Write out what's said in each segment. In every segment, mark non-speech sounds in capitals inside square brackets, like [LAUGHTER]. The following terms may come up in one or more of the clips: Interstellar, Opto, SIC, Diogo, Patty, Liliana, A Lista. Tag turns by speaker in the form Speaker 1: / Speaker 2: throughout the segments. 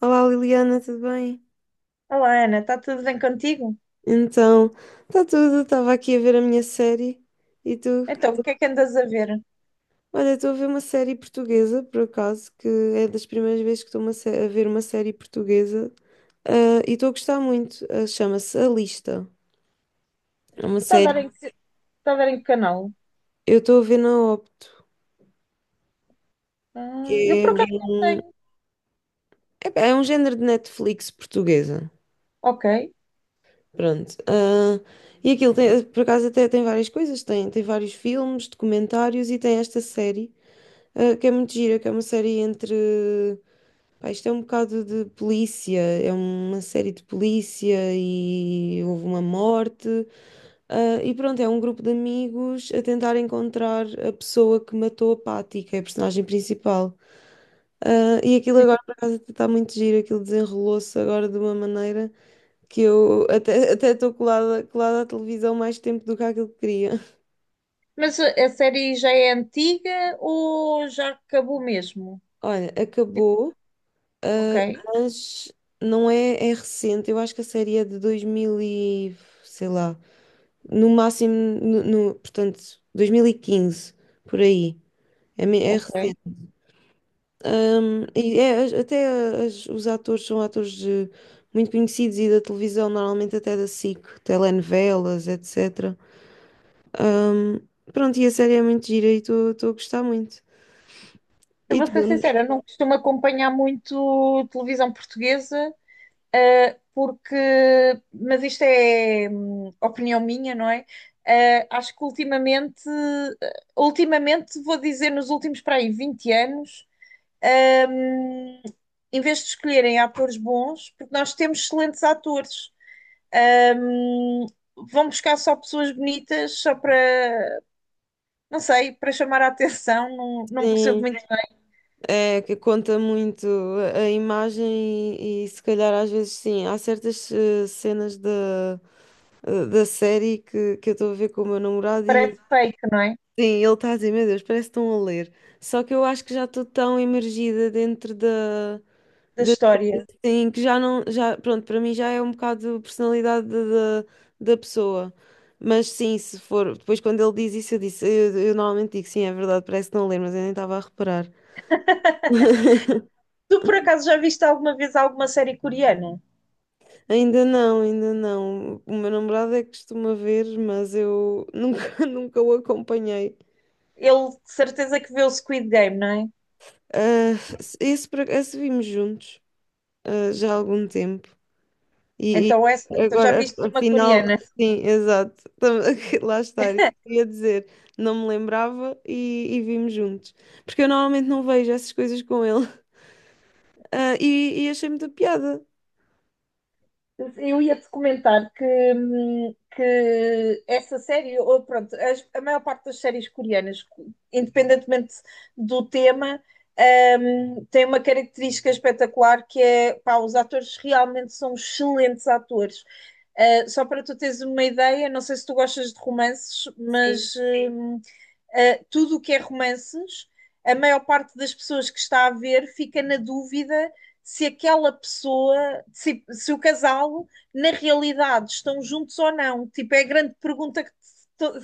Speaker 1: Olá Liliana, tudo bem?
Speaker 2: Olá, Ana, está tudo bem contigo?
Speaker 1: Então, está tudo, estava aqui a ver a minha série e tu?
Speaker 2: Então, o que é que andas a ver?
Speaker 1: Olha, estou a ver uma série portuguesa, por acaso, que é das primeiras vezes que estou a ver uma série portuguesa e estou a gostar muito. Chama-se A Lista. É uma
Speaker 2: Está a ver
Speaker 1: série.
Speaker 2: em que, está a ver em que canal?
Speaker 1: Eu estou a ver na Opto,
Speaker 2: Ah, eu
Speaker 1: que é
Speaker 2: por acaso não tenho.
Speaker 1: é um género de Netflix portuguesa.
Speaker 2: Ok.
Speaker 1: Pronto. E aquilo, por acaso, até tem várias coisas: tem vários filmes, documentários e tem esta série. Que é muito gira, que é uma série entre. Pá, isto é um bocado de polícia, é uma série de polícia e houve uma morte. E pronto, é um grupo de amigos a tentar encontrar a pessoa que matou a Patty, que é a personagem principal. E aquilo
Speaker 2: Ui.
Speaker 1: agora, por acaso, está muito giro, aquilo desenrolou-se agora de uma maneira que eu até estou colada à televisão mais tempo do que aquilo que queria. [LAUGHS]
Speaker 2: Mas a série já é antiga ou já acabou mesmo?
Speaker 1: Olha,
Speaker 2: Tipo,
Speaker 1: acabou.
Speaker 2: ok,
Speaker 1: Mas não é, é recente, eu acho que a série é de 2000 e, sei lá, no máximo, portanto, 2015 por aí, é
Speaker 2: ok.
Speaker 1: recente. E até os atores são atores muito conhecidos e da televisão, normalmente até da SIC, telenovelas, etc. Ahm, Pronto, e a série é muito gira e estou a gostar muito.
Speaker 2: Eu
Speaker 1: E
Speaker 2: vou
Speaker 1: tu?
Speaker 2: ser sincera, eu não costumo acompanhar muito televisão portuguesa, ah, porque, mas isto é opinião minha, não é? Ah, acho que ultimamente, vou dizer nos últimos para aí 20 anos. Ahm, em vez de escolherem atores bons, porque nós temos excelentes atores. Ahm, vão buscar só pessoas bonitas, só para, não sei, para chamar a atenção. Não, não percebo
Speaker 1: Sim.
Speaker 2: muito bem.
Speaker 1: É, que conta muito a imagem e se calhar às vezes sim, há certas cenas da série que eu estou a ver com o meu namorado e
Speaker 2: Parece
Speaker 1: ele,
Speaker 2: fake, não é?
Speaker 1: sim, ele está a dizer, meu Deus, parece que estão a ler. Só que eu acho que já estou tão imergida dentro da,
Speaker 2: Da
Speaker 1: da
Speaker 2: história.
Speaker 1: sim, que já não, já, pronto, para mim já é um bocado personalidade da pessoa. Mas sim, se for, depois quando ele diz isso, eu disse, eu normalmente digo, sim, é verdade, parece que estão a ler, mas eu nem estava a reparar. [LAUGHS]
Speaker 2: Tu, por acaso, já viste alguma vez alguma série coreana?
Speaker 1: Ainda não, ainda não. O meu namorado é que costuma ver, mas eu nunca, [LAUGHS] nunca o acompanhei.
Speaker 2: Ele, de certeza que vê o Squid Game, não é?
Speaker 1: Ah, esse vimos juntos, ah, já há algum tempo. E,
Speaker 2: Então,
Speaker 1: e
Speaker 2: então já
Speaker 1: agora,
Speaker 2: viste uma
Speaker 1: afinal,
Speaker 2: coreana?
Speaker 1: sim, exato. [LAUGHS] Lá está, eu ia dizer, não me lembrava e vimos juntos. Porque eu normalmente não vejo essas coisas com ele. [LAUGHS] E achei muita piada.
Speaker 2: Eu ia-te comentar que essa série, ou pronto, a maior parte das séries coreanas, independentemente do tema, tem uma característica espetacular que é, pá, os atores realmente são excelentes atores. Só para tu teres uma ideia, não sei se tu gostas de romances,
Speaker 1: Sim.
Speaker 2: mas sim, tudo o que é romances, a maior parte das pessoas que está a ver fica na dúvida se aquela pessoa, se o casal, na realidade, estão juntos ou não. Tipo, é a grande pergunta que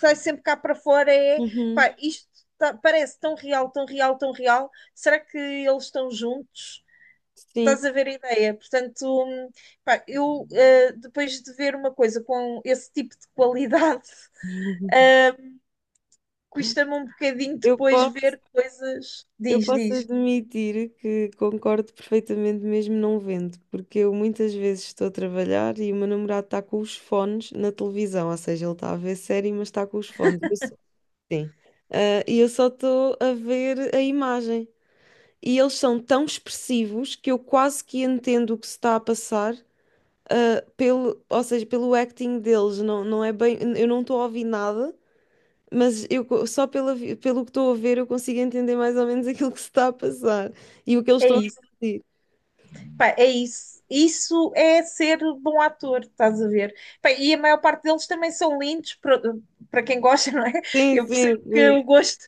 Speaker 2: sai sempre cá para fora é,
Speaker 1: Uhum,
Speaker 2: pá, parece tão real, tão real, tão real. Será que eles estão juntos?
Speaker 1: sim.
Speaker 2: Estás a ver a ideia? Portanto, pá, eu depois de ver uma coisa com esse tipo de qualidade, [LAUGHS]
Speaker 1: [LAUGHS]
Speaker 2: uh, custa-me um bocadinho
Speaker 1: Eu
Speaker 2: depois
Speaker 1: posso.
Speaker 2: ver coisas.
Speaker 1: Eu
Speaker 2: Diz,
Speaker 1: posso
Speaker 2: diz.
Speaker 1: admitir que concordo perfeitamente, mesmo não vendo, porque eu muitas vezes estou a trabalhar e o meu namorado está com os fones na televisão, ou seja, ele está a ver série, mas está com os fones. Sim. E eu só estou a ver a imagem. E eles são tão expressivos que eu quase que entendo o que se está a passar, ou seja, pelo acting deles. Não, não é bem, eu não estou a ouvir nada mas eu, pelo que estou a ver, eu consigo entender mais ou menos aquilo que se está a passar e o que eles
Speaker 2: É
Speaker 1: estão a
Speaker 2: isso.
Speaker 1: sentir.
Speaker 2: Pá, é isso. Isso é ser bom ator, estás a ver? Pá, e a maior parte deles também são lindos, para quem gosta, [LAUGHS] não é?
Speaker 1: Sim,
Speaker 2: Eu percebo
Speaker 1: sim,
Speaker 2: que
Speaker 1: sim,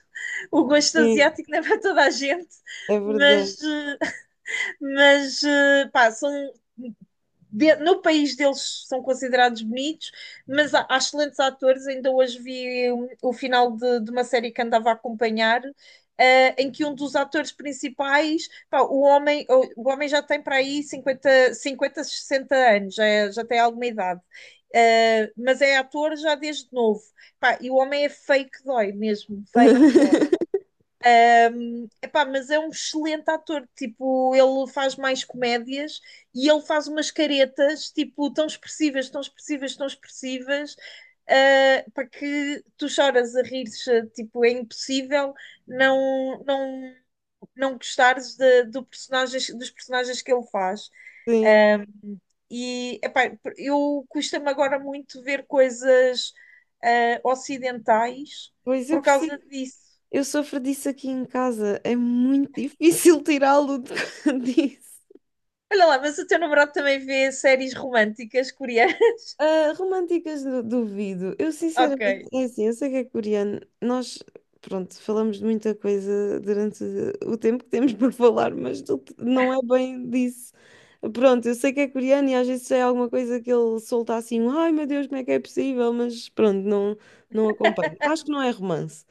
Speaker 2: o gosto
Speaker 1: sim,
Speaker 2: asiático não é para toda a gente,
Speaker 1: é verdade.
Speaker 2: mas, pá, são no país deles são considerados bonitos, mas há excelentes atores. Ainda hoje vi um, o final de uma série que andava a acompanhar, eh, em que um dos atores principais, pá, o homem já tem para aí 50 50 60 anos, já, já tem alguma idade. Eh, mas é ator já desde novo. Pá, e o homem é fake dói mesmo, fake.
Speaker 1: [LAUGHS]
Speaker 2: Epá, mas é um excelente ator, tipo, ele faz mais comédias e ele faz umas caretas, tipo, tão expressivas, tão expressivas, tão expressivas, ah, para que tu choras a rir, tipo, é impossível não não não gostares do personagens, dos personagens que ele faz.
Speaker 1: Sim,
Speaker 2: Ah, e, epá, eu custa-me agora muito ver coisas ocidentais
Speaker 1: pois eu
Speaker 2: por
Speaker 1: percebo.
Speaker 2: causa disso.
Speaker 1: Eu sofro disso aqui em casa. É muito difícil tirá-lo de- [LAUGHS] disso.
Speaker 2: Olha lá, mas o teu namorado também vê séries românticas coreanas? [LAUGHS]
Speaker 1: Ah, duvido. Eu sinceramente,
Speaker 2: Ok.
Speaker 1: é assim, eu sei que é coreano. Nós, pronto, falamos de muita coisa durante o tempo que temos [LAUGHS] por falar, não é bem disso. Pronto, eu sei que é coreano e às vezes é alguma coisa que ele solta assim, um, ai meu Deus, como é que é possível? Mas pronto, não, não acompanho. Acho que não é romance.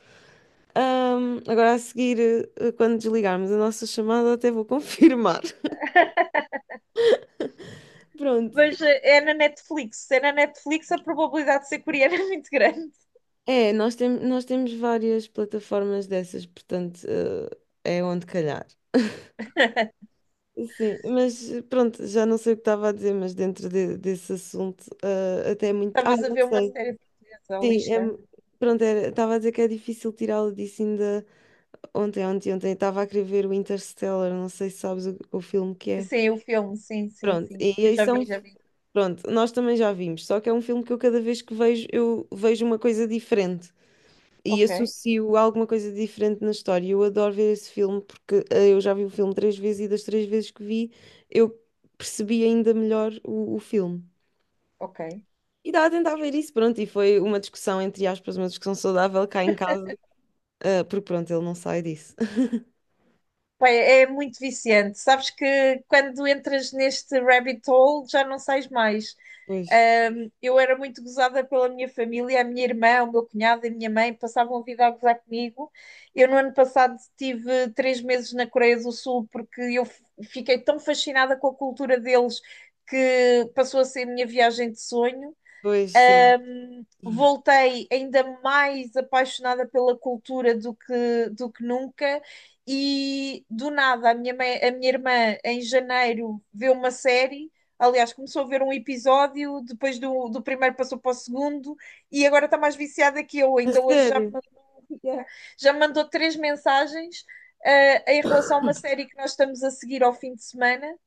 Speaker 1: Agora a seguir, quando desligarmos a nossa chamada, até vou confirmar. [LAUGHS] Pronto.
Speaker 2: Mas eh, é na Netflix. Se é na Netflix, a probabilidade de ser coreana [LAUGHS] é muito grande.
Speaker 1: Nós temos várias plataformas dessas, portanto, é onde calhar. Sim, pronto, já não sei o que estava a dizer, mas desse assunto, até é muito. Ah,
Speaker 2: Estavas a
Speaker 1: já
Speaker 2: ver uma
Speaker 1: sei.
Speaker 2: série portuguesa, a
Speaker 1: Sim,
Speaker 2: lista?
Speaker 1: pronto, estava a dizer que é difícil tirá-lo disso ainda. Ontem, estava a querer ver o Interstellar, não sei se sabes o filme que é.
Speaker 2: Sim, o filme, sim, sim,
Speaker 1: Pronto,
Speaker 2: sim.
Speaker 1: e
Speaker 2: Eu
Speaker 1: aí
Speaker 2: já vi,
Speaker 1: são.
Speaker 2: já vi.
Speaker 1: Pronto, nós também já vimos, só que é um filme que eu cada vez que vejo, eu vejo uma coisa diferente. E
Speaker 2: Ok,
Speaker 1: associo a alguma coisa diferente na história. Eu adoro ver esse filme porque eu já vi o filme três vezes e das três vezes que vi eu percebi ainda melhor o filme.
Speaker 2: ok.
Speaker 1: E estava a tentar ver isso, pronto, e foi uma discussão, entre aspas, uma discussão saudável cá em casa, porque pronto, ele não sai disso. [LAUGHS]
Speaker 2: Pá, é muito viciante. Sabes que quando entras neste rabbit hole já não sais mais.
Speaker 1: Pois,
Speaker 2: Eu era muito gozada pela minha família, a minha irmã, o meu cunhado e a minha mãe passavam a vida a gozar comigo. Eu, no ano passado, tive três meses na Coreia do Sul porque fiquei tão fascinada com a cultura deles que passou a ser a minha viagem de sonho.
Speaker 1: pois sim.
Speaker 2: Voltei ainda mais apaixonada pela cultura do que nunca. E do nada, a minha irmã, em janeiro, vê uma série. Aliás, começou a ver um episódio, do primeiro passou para o segundo, e agora está mais viciada que eu.
Speaker 1: A
Speaker 2: Ainda hoje já me
Speaker 1: sério?
Speaker 2: mandou, [LAUGHS] já me mandou três mensagens, eh, em relação a uma série que nós estamos a seguir ao fim de semana.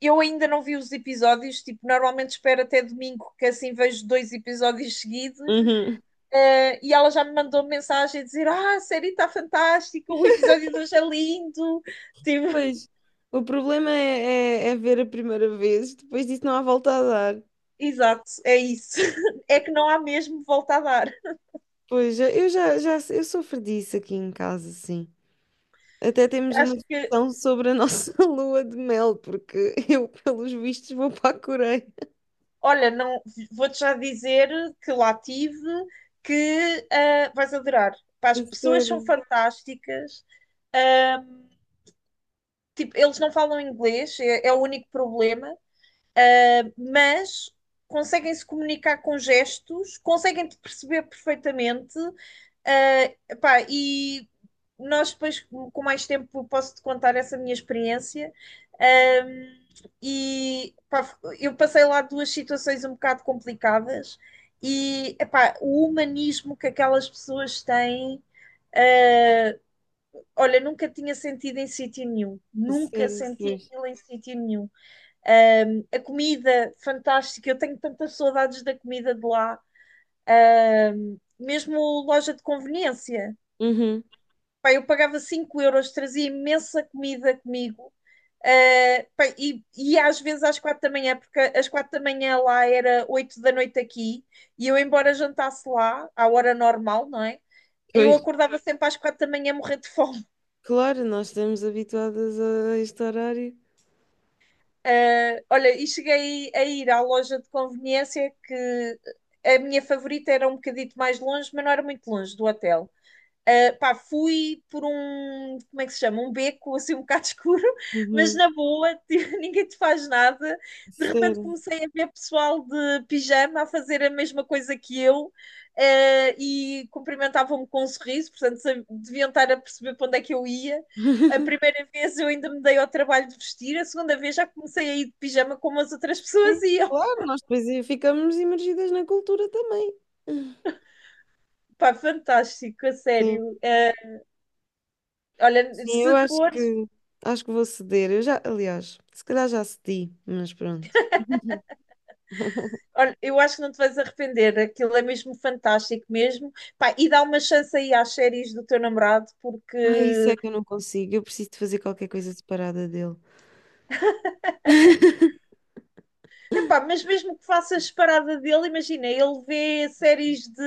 Speaker 2: Eu ainda não vi os episódios, tipo, normalmente espero até domingo, que assim vejo dois episódios seguidos,
Speaker 1: Uhum.
Speaker 2: eh, e ela já me mandou mensagem a dizer: Ah, a série está fantástica, o episódio de hoje é lindo. Tipo, [LAUGHS]
Speaker 1: Pois, o problema é ver a primeira vez, depois disso não há volta a dar.
Speaker 2: exato, é isso. [LAUGHS] É que não há mesmo volta a dar.
Speaker 1: Pois, eu sofro disso aqui em casa, sim. Até temos uma
Speaker 2: Acho que,
Speaker 1: discussão sobre a nossa [LAUGHS] lua de mel, porque [LAUGHS] eu, pelos vistos, vou para a Coreia.
Speaker 2: olha, não vou-te já dizer que lá tive, que ah, vais adorar. Pá, as
Speaker 1: A
Speaker 2: pessoas são
Speaker 1: sério,
Speaker 2: fantásticas. Ah, tipo, eles não falam inglês, é o único problema. Mas conseguem se comunicar com gestos, conseguem te perceber perfeitamente, ah, pá, e nós depois com mais tempo posso te contar essa minha experiência. Ahm, e pá, eu passei lá duas situações um bocado complicadas e epá, o humanismo que aquelas pessoas têm, olha, nunca tinha sentido em sítio nenhum,
Speaker 1: a
Speaker 2: nunca
Speaker 1: sério,
Speaker 2: senti
Speaker 1: pois.
Speaker 2: aquilo em sítio nenhum. Um, a comida fantástica, eu tenho tantas saudades da comida de lá. Um, mesmo loja de conveniência.
Speaker 1: Uhum,
Speaker 2: Pá, eu pagava 5 euros, trazia imensa comida comigo. E às vezes às quatro da manhã, porque às quatro da manhã lá era oito da noite aqui, e eu, embora jantasse lá, à hora normal, não é? Eu
Speaker 1: pois.
Speaker 2: acordava sempre às quatro da manhã a morrer de fome.
Speaker 1: Claro, nós estamos habituadas a este horário.
Speaker 2: Ah, olha, e cheguei a ir à loja de conveniência que a minha favorita era um bocadito mais longe, mas não era muito longe do hotel. Pá, fui por um, como é que se chama? Um beco assim um bocado [LAUGHS] escuro, mas
Speaker 1: Uhum,
Speaker 2: na boa, [LAUGHS] tipo, ninguém te faz nada.
Speaker 1: a
Speaker 2: De repente
Speaker 1: sério.
Speaker 2: comecei a ver pessoal de pijama a fazer a mesma coisa que eu, e cumprimentavam-me com um sorriso, portanto deviam estar a perceber para onde é que eu ia. A primeira vez eu ainda me dei ao trabalho de vestir, a segunda vez já comecei a ir de pijama como as outras [LAUGHS] pessoas
Speaker 1: Sim,
Speaker 2: iam.
Speaker 1: claro, nós depois aí ficamos imergidas na cultura também.
Speaker 2: Pá, fantástico, a
Speaker 1: Sim,
Speaker 2: sério. Olha,
Speaker 1: sim, eu
Speaker 2: se for.
Speaker 1: acho que vou ceder. Eu já, aliás, se calhar já cedi, mas pronto. [LAUGHS]
Speaker 2: Olha, eu acho que não te vais arrepender, aquilo é mesmo fantástico mesmo. Pá, e dá uma chance aí às séries do teu namorado,
Speaker 1: Ai, isso
Speaker 2: porque,
Speaker 1: é que eu não consigo. Eu preciso de fazer qualquer coisa separada dele.
Speaker 2: epá, mas mesmo que faças parada dele, imagina, ele vê séries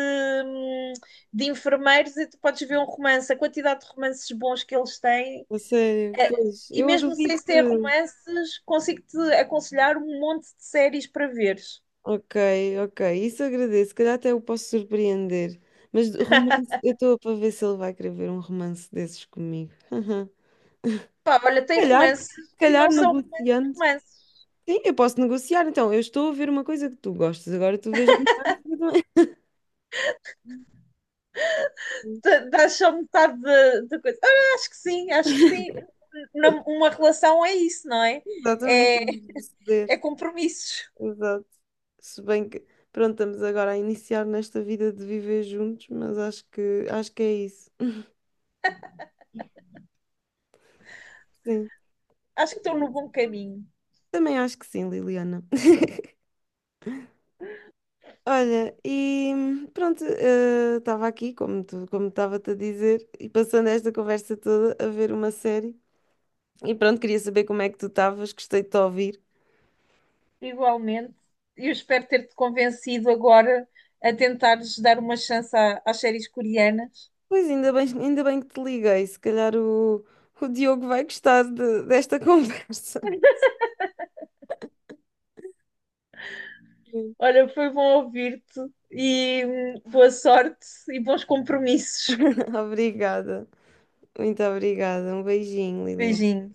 Speaker 2: hum, de enfermeiros e tu podes ver um romance, a quantidade de romances bons que eles têm.
Speaker 1: A sério,
Speaker 2: É,
Speaker 1: pois,
Speaker 2: e
Speaker 1: eu
Speaker 2: mesmo sem
Speaker 1: duvido que.
Speaker 2: ser romances, consigo-te aconselhar um monte de séries para veres.
Speaker 1: Ok, ok, isso agradeço. Se calhar até o posso surpreender. Mas de romance, eu estou para ver se ele vai querer ver um romance desses comigo. [LAUGHS]
Speaker 2: Pá, olha, tem romances
Speaker 1: Se
Speaker 2: e
Speaker 1: calhar
Speaker 2: não são romances,
Speaker 1: negociando.
Speaker 2: romances.
Speaker 1: Sim, eu posso negociar. Então, eu estou a ver uma coisa que tu gostas, agora tu vês romance.
Speaker 2: Dá só metade da coisa. Ah, acho que sim, acho que sim. Uma relação é isso, não é?
Speaker 1: [LAUGHS] Exatamente,
Speaker 2: É,
Speaker 1: vamos decidir.
Speaker 2: é compromissos.
Speaker 1: Exato. Se bem que, pronto, estamos agora a iniciar nesta vida de viver juntos, mas acho que é isso. Sim,
Speaker 2: Acho que estou no
Speaker 1: pronto.
Speaker 2: bom caminho.
Speaker 1: Também acho que sim, Liliana. Olha, e pronto, estava aqui, como estava-te a dizer, e passando esta conversa toda a ver uma série. E pronto, queria saber como é que tu estavas, gostei de te ouvir.
Speaker 2: Igualmente, eu espero ter-te convencido agora a tentares dar uma chance às séries coreanas.
Speaker 1: Pois ainda bem que te liguei, se calhar o Diogo vai gostar desta [LAUGHS] conversa.
Speaker 2: Olha, foi bom ouvir-te e boa sorte e bons compromissos.
Speaker 1: [LAUGHS] Obrigada, muito obrigada. Um beijinho, Liliana.
Speaker 2: Beijinho.